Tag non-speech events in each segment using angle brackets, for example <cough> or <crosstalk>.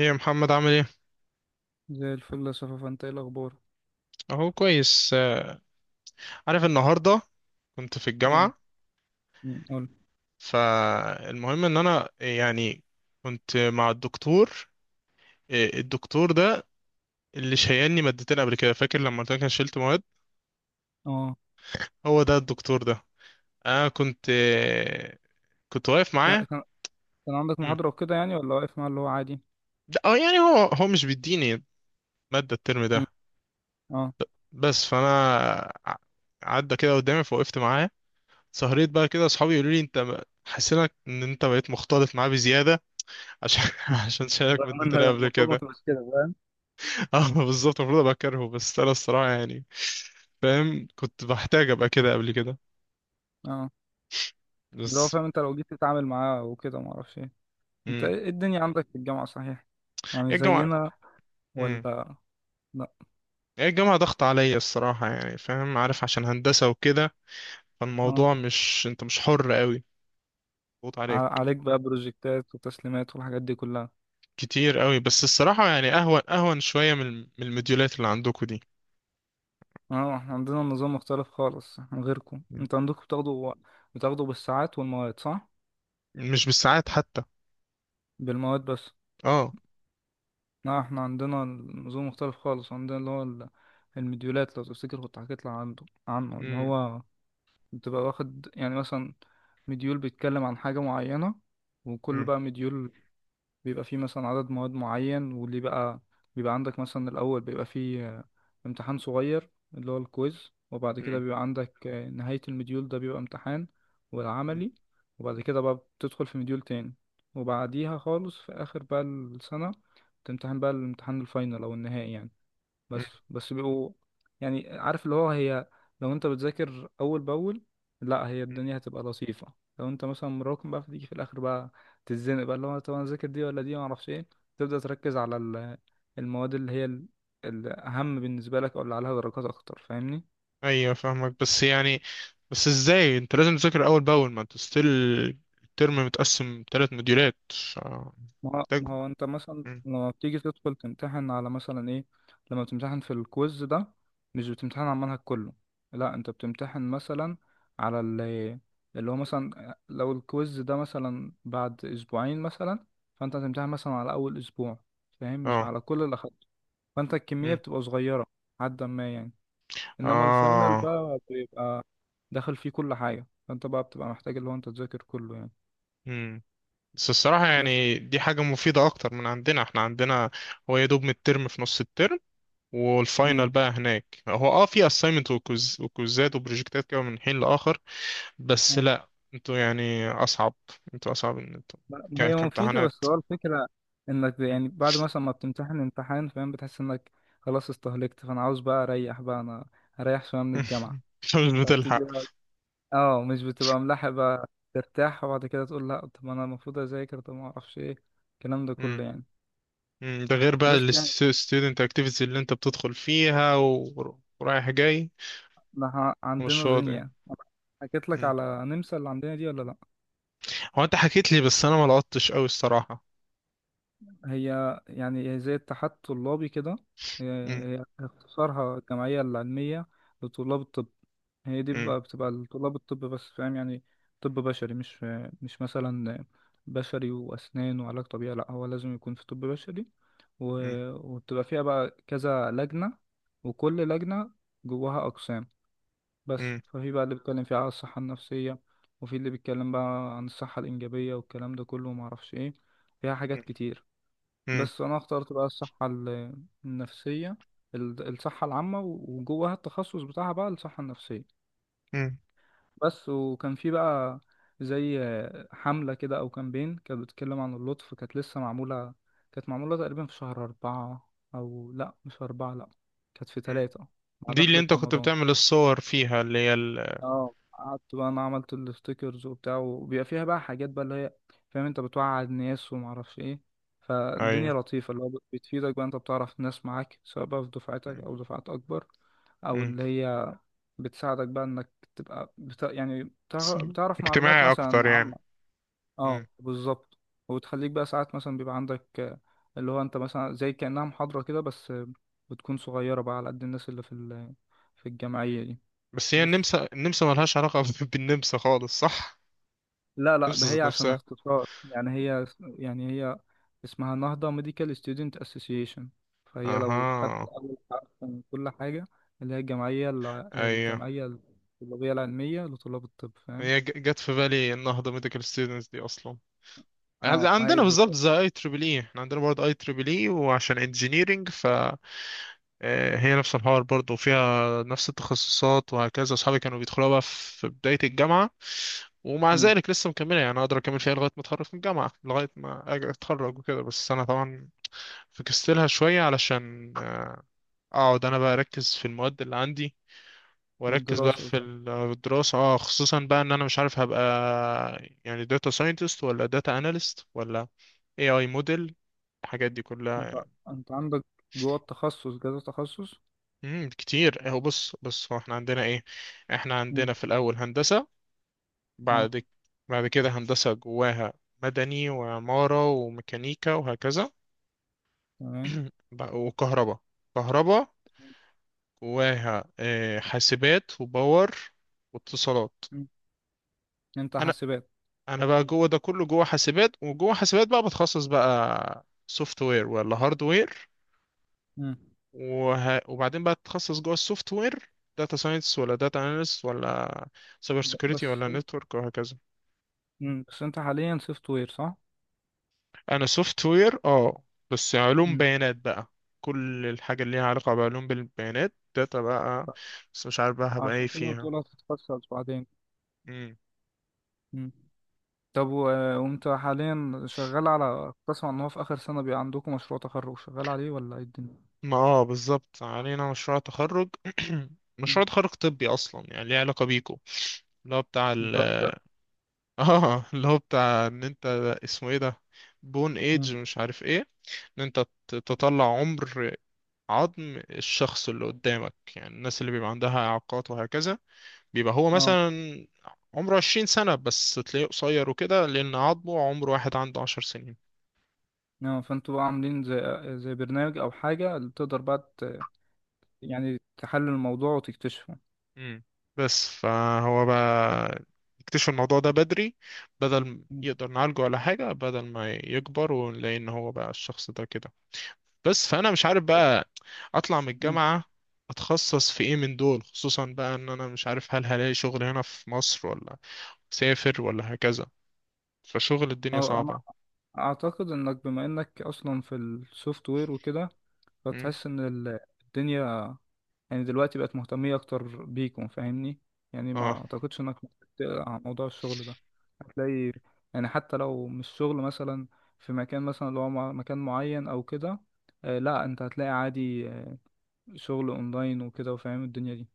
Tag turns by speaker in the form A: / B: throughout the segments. A: ايه يا محمد عامل ايه؟
B: زي الفل يا صفا، انت ايه الاخبار؟
A: اهو كويس عارف النهارده كنت في
B: ايه.
A: الجامعة.
B: قول.
A: فالمهم ان انا يعني كنت مع الدكتور، الدكتور ده اللي شيلني مادتين قبل كده، فاكر لما قلت لك انا شلت مواد؟
B: اه.
A: هو ده الدكتور ده. انا كنت كنت واقف
B: كان
A: معاه.
B: كان كان عندك
A: مم.
B: محاضرة وكده يعني ولا واقف مع اللي هو عادي؟
A: يعني هو هو مش بيديني مادة الترم
B: مم.
A: ده
B: اه.
A: بس. فانا ع- عدى كده قدامي فوقفت معاه. سهريت بقى كده اصحابي يقولوا لي، انت حسيت ان انت بقيت مختلط معاه بزيادة عشان <laughs> عشان شايفك
B: رغم ان
A: مديتني قبل
B: المفروض ما
A: كده.
B: تبقاش كده، فاهم؟
A: اه بالظبط، المفروض ابقى كارهه، بس انا الصراحه يعني فاهم كنت بحتاج ابقى كده قبل كده
B: اه. اللي هو
A: بس.
B: فاهم انت لو جيت تتعامل معاه وكده، ما اعرفش ايه. انت
A: امم
B: ايه الدنيا عندك في الجامعة، صحيح؟ يعني
A: ايه الجامعه؟
B: زينا
A: امم
B: ولا لا؟
A: ايه الجامعه، ضغط عليا الصراحه يعني فاهم؟ عارف عشان هندسه وكده،
B: اه.
A: فالموضوع مش انت مش حر قوي. ضغط عليك
B: عليك بقى بروجكتات وتسليمات والحاجات دي كلها؟
A: كتير قوي، بس الصراحه يعني اهون اهون شويه من المديولات اللي عندكم دي.
B: اه، احنا عندنا نظام مختلف خالص عن غيركم. انت عندكم بتاخدوا بالساعات والمواد، صح؟
A: مش بالساعات حتى.
B: بالمواد بس.
A: اه.
B: لا، احنا عندنا نظام مختلف خالص. عندنا اللي هو المديولات، لو تفتكر كنت حكيت لك عنه، اللي
A: امم
B: هو بتبقى واخد يعني مثلا مديول بيتكلم عن حاجة معينة، وكل
A: امم
B: بقى مديول بيبقى فيه مثلا عدد مواد معين. واللي بقى بيبقى عندك مثلا الأول بيبقى فيه امتحان صغير اللي هو الكويز، وبعد كده بيبقى عندك نهاية المديول ده بيبقى امتحان والعملي. وبعد كده بقى بتدخل في مديول تاني. وبعديها خالص في آخر بقى السنة، تمتحن بقى الامتحان الفاينل أو النهائي يعني.
A: امم
B: بس بيبقوا يعني عارف اللي هو هي، لو انت بتذاكر اول باول، لا هي الدنيا هتبقى لطيفه. لو انت مثلا مراكم، بقى فتيجي في الاخر بقى تتزنق، بقى اللي هو طب انا اذاكر دي ولا دي، ما اعرفش ايه. تبدا تركز على المواد اللي هي الاهم بالنسبه لك، او اللي عليها درجات اكتر، فاهمني؟
A: ايوه فاهمك بس يعني. بس ازاي انت لازم تذاكر اول باول ما انت ستيل؟ الترم متقسم 3 مديولات. ف-
B: ما
A: محتاج.
B: ما هو انت مثلا
A: مم.
B: لما بتيجي تدخل تمتحن على مثلا ايه، لما بتمتحن في الكويز ده، مش بتمتحن على المنهج كله. لا، انت بتمتحن مثلا على اللي هو مثلا لو الكويز ده مثلا بعد اسبوعين مثلا، فانت هتمتحن مثلا على اول اسبوع، فاهم، مش
A: اه.
B: على كل اللي اخدته. فانت الكمية
A: مم.
B: بتبقى صغيرة، حد ما يعني. انما الفاينل
A: اه.
B: بقى بيبقى داخل فيه كل حاجة، فانت بقى بتبقى محتاج اللي هو انت تذاكر كله يعني.
A: مم. بس الصراحة
B: بس.
A: يعني دي حاجة مفيدة أكتر من عندنا. احنا عندنا هو يا دوب من الترم في نص الترم والفاينل بقى. هناك هو اه في assignment وكوز وكوزات وبروجكتات كده من حين لآخر بس.
B: مم.
A: لا انتوا يعني أصعب. انتوا أصعب ان انتوا
B: ما هي مفيدة،
A: كامتحانات.
B: بس هو الفكرة انك يعني بعد مثلا ما بتمتحن امتحان، فاهم، بتحس انك خلاص استهلكت، فانا عاوز بقى اريح، بقى انا اريح شوية من الجامعة.
A: <laughs> مش
B: فتيجي
A: بتلحق.
B: بقى، اه، مش بتبقى ملاحق بقى ترتاح وبعد كده تقول لا طب انا المفروض اذاكر، طب ما اعرفش ايه الكلام ده كله يعني.
A: مم، ده غير بقى
B: بس يعني
A: الستودنت اكتيفيتي اللي انت بتدخل فيها ورايح جاي،
B: احنا
A: ومش
B: عندنا
A: فاضي.
B: دنيا. حكيت لك
A: مم.
B: على نمسا اللي عندنا دي ولا لا؟
A: هو انت حكيت لي بس انا ما لقطتش قوي الصراحة.
B: هي يعني هي زي الاتحاد الطلابي كده. هي
A: مم،
B: هي اختصارها الجمعية العلمية لطلاب الطب. هي دي
A: مم،
B: بقى بتبقى لطلاب الطب بس، فاهم يعني، طب بشري. مش مثلا بشري وأسنان وعلاج طبيعي، لأ، هو لازم يكون في طب بشري. و...
A: مم،
B: وبتبقى فيها بقى كذا لجنة، وكل لجنة جواها أقسام بس.
A: مم،
B: ففي بقى اللي بيتكلم فيها على الصحة النفسية، وفي اللي بيتكلم بقى عن الصحة الإنجابية والكلام ده كله، ومعرفش إيه، فيها حاجات كتير.
A: مم،
B: بس انا اخترت بقى الصحة النفسية، الصحة العامة، وجواها التخصص بتاعها بقى الصحة النفسية
A: مم،
B: بس. وكان في بقى زي حملة كده او كامبين، كانت بتتكلم عن اللطف، كانت لسه معمولة. كانت معمولة تقريبا في شهر 4، او لا مش 4، لا، كانت في
A: مم.
B: 3 مع
A: دي اللي
B: دخلة
A: انت كنت
B: رمضان.
A: بتعمل الصور فيها اللي هي ال...
B: اه، قعدت بقى انا عملت الستيكرز وبتاع. وبيبقى فيها بقى حاجات بقى اللي هي، فاهم، انت بتوعي الناس ومعرفش ايه.
A: ايوه.
B: فالدنيا لطيفة، اللي هو بتفيدك بقى. انت بتعرف ناس معاك سواء بقى في دفعتك
A: مم،
B: او دفعات اكبر، او
A: مم.
B: اللي هي بتساعدك بقى انك تبقى يعني
A: بس
B: بتعرف معلومات
A: اجتماعي اكتر
B: مثلا عامة.
A: يعني.
B: اه
A: مم،
B: بالظبط. وبتخليك بقى ساعات مثلا بيبقى عندك اللي هو انت مثلا زي كأنها محاضرة كده، بس بتكون صغيرة بقى على قد الناس اللي في في
A: مم.
B: الجمعية دي.
A: بس هي
B: بس
A: النمسا، النمسا ملهاش علاقة <laughs> بالنمسا خالص صح؟
B: لا لا،
A: النمسا
B: ده هي
A: ذات
B: عشان
A: نفسها.
B: اختصار يعني. هي يعني هي اسمها نهضة ميديكال ستودنت اسوسيشن، فهي لو خدت
A: اها.
B: أول حرف من كل حاجة، اللي هي
A: ايوه.
B: الجمعية الطلابية العلمية لطلاب الطب، فاهم.
A: هي جت في بالي النهضة ميديكال ستودنتس دي اصلا.
B: اه، ما هي
A: عندنا بالظبط
B: بالظبط.
A: زي AAA، احنا عندنا برضه AAA، وعشان انجينيرنج فهي نفس الحوار برضه وفيها نفس التخصصات وهكذا. اصحابي كانوا بيدخلوها بقى في بداية الجامعة ومع
B: مم.
A: ذلك لسه مكملة، يعني اقدر اكمل فيها لغاية ما اتخرج من الجامعة، لغاية ما اتخرج وكده. بس انا طبعا فكستلها شوية علشان اقعد انا بقى اركز في المواد اللي عندي، واركز بقى
B: والدراسة
A: في
B: وكده.
A: الدراسة، اه خصوصا بقى ان انا مش عارف هبقى يعني داتا ساينتست، ولا داتا اناليست، ولا AI موديل، الحاجات دي
B: انت
A: كلها.
B: انت عندك جوه التخصص كذا تخصص.
A: كتير اهو. بص بص هو احنا عندنا ايه؟ احنا
B: مم.
A: عندنا في الاول هندسة.
B: اه،
A: بعد بعد كده هندسة جواها مدني وعمارة وميكانيكا وهكذا.
B: تمام.
A: <clears throat> وكهرباء. كهرباء جواها حاسبات وباور واتصالات.
B: مم. انت
A: انا
B: حاسبات.
A: انا بقى جوه ده كله، جوه حاسبات. وجوه حاسبات بقى بتخصص بقى سوفت وير ولا هارد وير.
B: مم.
A: وبعدين بقى تتخصص جوه السوفت وير. داتا ساينس، ولا داتا اناليست، ولا سايبر
B: ب-
A: سيكيورتي،
B: بس
A: ولا
B: انت-
A: نتورك وهكذا.
B: مم. بس انت حاليا سوفت وير، صح؟
A: انا سوفت وير اه. بس علوم
B: مم.
A: بيانات بقى. كل الحاجه اللي ليها علاقه بعلوم بالبيانات، داتا بقى.
B: ف-
A: بس مش عارف بقى هبقى ايه
B: عشان كده
A: فيها.
B: هتقول هتتخصص بعدين.
A: مم.
B: مم. طب، وانت حاليا شغال على، كنت اسمع ان هو في اخر سنة بيبقى عندكم مشروع تخرج شغال عليه، ولا ايه الدنيا؟
A: ما اه بالظبط علينا مشروع تخرج. <clears throat>
B: مم.
A: مشروع تخرج طبي اصلا يعني ليه علاقه بيكو. اللي هو بتاع ال...
B: بتهزر.
A: <laughs> اه اللي هو بتاع ان انت اسمه ايه ده، بون ايج
B: مم.
A: مش عارف ايه. ان انت تطلع عمر عظم الشخص اللي قدامك. يعني الناس اللي بيبقى عندها إعاقات وهكذا، بيبقى هو
B: اه.
A: مثلا عمره 20 سنة بس تلاقيه قصير وكده، لأن عظمه عمر واحد عنده 10 سنين.
B: اه، فانتوا بقى عاملين زي برنامج او حاجة اللي تقدر بقى يعني تحلل الموضوع وتكتشفه.
A: مم. بس فهو بقى يكتشف الموضوع ده بدري. بدل
B: مم.
A: يقدر نعالجه ولا حاجة، بدل ما يكبر ونلاقي إن هو بقى الشخص ده كده. بس فأنا مش عارف بقى أطلع من
B: مم.
A: الجامعة أتخصص في إيه من دول. خصوصا بقى إن أنا مش عارف هل هلاقي شغل هنا في مصر، ولا أسافر ولا هكذا. فشغل الدنيا
B: اه، انا
A: صعبة.
B: اعتقد انك بما انك اصلا في السوفت وير وكده،
A: مم.
B: فتحس ان الدنيا يعني دلوقتي بقت مهتمية أكتر بيكم، فاهمني، يعني ما
A: اه.
B: أعتقدش إنك ممكن تقلق عن موضوع الشغل ده. هتلاقي يعني حتى لو مش شغل مثلا في مكان مثلا اللي هو مكان معين أو كده. آه لا، أنت هتلاقي عادي شغل أونلاين وكده، وفاهم الدنيا دي.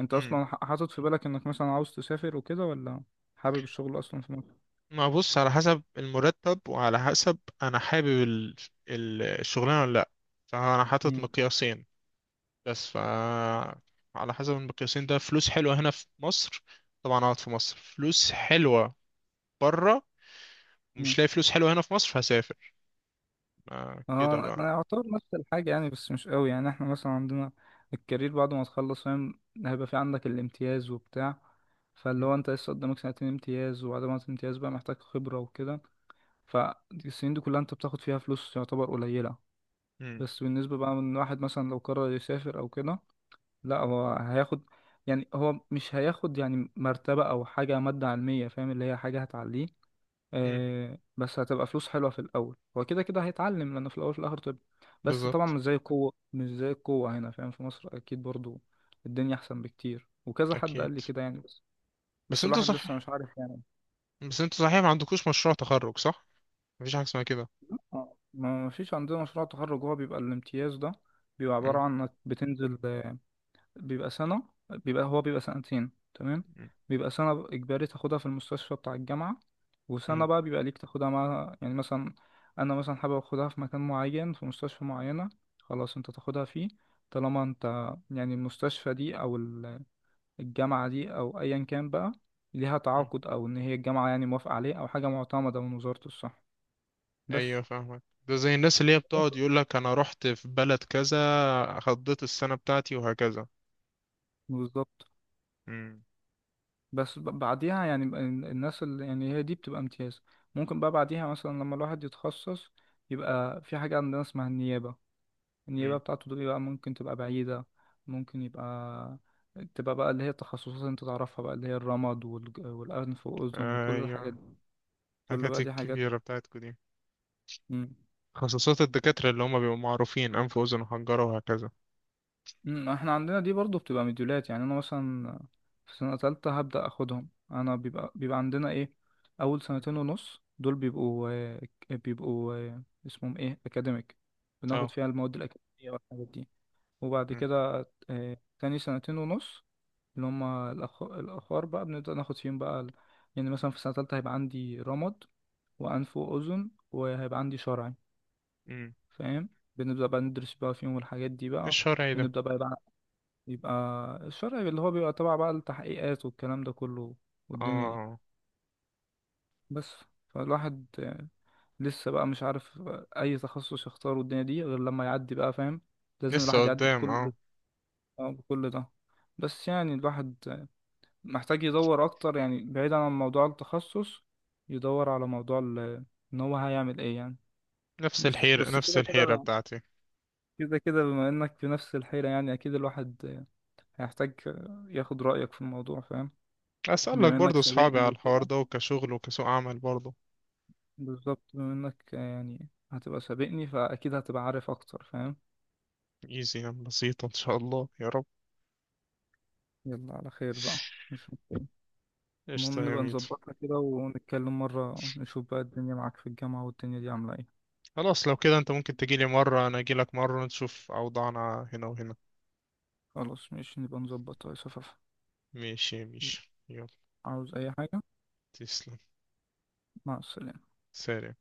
B: أنت
A: مم.
B: أصلا حاطط في بالك إنك مثلا عاوز تسافر وكده، ولا حابب الشغل أصلا في مصر؟
A: ما بص، على حسب المرتب وعلى حسب انا حابب الشغلانة ولا لا. فانا حاطط مقياسين بس. ف على حسب المقياسين ده، فلوس حلوة هنا في مصر طبعا اقعد في مصر. فلوس حلوة بره،
B: مم.
A: مش لاقي فلوس حلوة هنا في مصر فهسافر. آه كده
B: اه،
A: بقى.
B: انا اعتبر نفس الحاجه يعني، بس مش قوي يعني. احنا مثلا عندنا الكارير بعد ما تخلص، فاهم، هيبقى في عندك الامتياز وبتاع. فاللي هو انت لسه قدامك سنتين امتياز، وبعد ما الامتياز بقى محتاج خبره وكده. فالسنين دي كلها انت بتاخد فيها فلوس يعتبر قليله.
A: مم.
B: بس بالنسبه بقى من واحد مثلا لو قرر يسافر او كده، لا، هو هياخد، يعني هو مش هياخد يعني مرتبه او حاجه، ماده علميه، فاهم، اللي هي حاجه هتعليه.
A: مم.
B: بس هتبقى فلوس حلوة في الأول. هو كده كده هيتعلم، لأنه في الأول وفي الآخر طب. بس طبعا
A: بالظبط.
B: مش زي القوة، مش زي القوة هنا، فاهم، في مصر. أكيد برضو الدنيا أحسن بكتير، وكذا حد
A: اكيد.
B: قال لي كده يعني. بس
A: بس
B: بس
A: انتوا
B: الواحد لسه
A: صح.
B: مش عارف يعني.
A: بس انتوا صحيح ما عندكوش مشروع تخرج صح؟ مفيش حاجة اسمها كده.
B: ما فيش عندنا مشروع تخرج. هو بيبقى الامتياز ده بيبقى عبارة
A: مم.
B: عن إنك بتنزل. بيبقى سنة، بيبقى سنتين، تمام. بيبقى سنة إجباري تاخدها في المستشفى بتاع الجامعة، وسنة
A: مم.
B: بقى بيبقى ليك تاخدها مع يعني مثلا أنا مثلا حابب أخدها في مكان معين في مستشفى معينة، خلاص أنت تاخدها فيه، طالما أنت يعني المستشفى دي أو الجامعة دي أو أيا كان بقى، ليها
A: مم.
B: تعاقد أو إن هي الجامعة يعني موافقة عليه أو حاجة معتمدة من وزارة الصحة. بس.
A: ايوه فاهمك، ده زي الناس اللي هي بتقعد يقول لك انا رحت في بلد كذا، قضيت السنة بتاعتي وهكذا.
B: بالظبط.
A: امم.
B: بس بعديها يعني الناس اللي يعني هي دي بتبقى امتياز، ممكن بقى بعديها مثلا لما الواحد يتخصص، يبقى في حاجة عندنا اسمها النيابة. النيابة
A: امم.
B: بتاعته دي بقى ممكن تبقى بعيدة. ممكن يبقى تبقى بقى اللي هي التخصصات اللي انت تعرفها بقى، اللي هي الرمد والأنف والأذن وكل الحاجات
A: ايوه
B: دي. كل
A: الحاجات
B: بقى دي حاجات.
A: الكبيرة بتاعتكم دي.
B: مم.
A: خصوصات الدكاترة اللي هم بيبقوا معروفين، انف واذن وحنجرة وهكذا.
B: مم، احنا عندنا دي برضو بتبقى مديولات. يعني انا مثلا في سنة تالتة هبدأ اخدهم. انا بيبقى عندنا ايه، اول
A: مم.
B: سنتين ونص دول بيبقوا اسمهم ايه اكاديميك، بناخد
A: اه.
B: فيها المواد الاكاديمية والحاجات دي. وبعد
A: امم.
B: كده تاني سنتين ونص اللي هما الاخر، بقى بنبدأ ناخد فيهم بقى يعني مثلا في سنة تالتة هيبقى عندي رمد وأنف وأذن، وهيبقى عندي شرعي،
A: امم.
B: فاهم. بنبدأ بقى ندرس بقى فيهم الحاجات دي بقى.
A: الشرعي ده.
B: ونبدأ بقى يبقى الشرعي اللي هو بيبقى تبع بقى التحقيقات والكلام ده كله، والدنيا دي
A: اه
B: بس. فالواحد لسه بقى مش عارف أي تخصص يختاره الدنيا دي غير لما يعدي بقى، فاهم، لازم
A: لسه
B: الواحد يعدي
A: قدام
B: بكل،
A: اه.
B: بكل ده. بس يعني الواحد محتاج يدور أكتر، يعني بعيدا عن موضوع التخصص، يدور على موضوع إن هو هيعمل إيه يعني.
A: نفس
B: بس
A: الحيرة
B: بس
A: نفس
B: كده
A: الحيرة
B: كده،
A: بتاعتي.
B: كده كده بما إنك في نفس الحيرة، يعني أكيد الواحد هيحتاج ياخد رأيك في الموضوع، فاهم،
A: اسألك
B: بما انك
A: برضو اصحابي
B: سابقني
A: على الحوار
B: وكده.
A: ده وكشغل وكسوق عمل برضو.
B: بالظبط، بما انك يعني هتبقى سابقني، فاكيد هتبقى عارف اكتر، فاهم.
A: ايزي يعني بسيطة ان شاء الله يا رب.
B: يلا على خير بقى، مش مشكلة.
A: قشطة
B: المهم
A: يا
B: نبقى
A: ميدو.
B: نظبطها كده ونتكلم مرة، نشوف بقى الدنيا معاك في الجامعة والدنيا دي عاملة ايه.
A: خلاص لو كده انت ممكن تجيلي مرة، انا اجيلك مرة، نشوف اوضاعنا هنا وهنا.
B: خلاص ماشي، نبقى نظبطها يا صفافة.
A: ماشي ماشي يلا.
B: عاوز اي حاجة؟
A: تسلم.
B: مع السلامة.
A: سلام.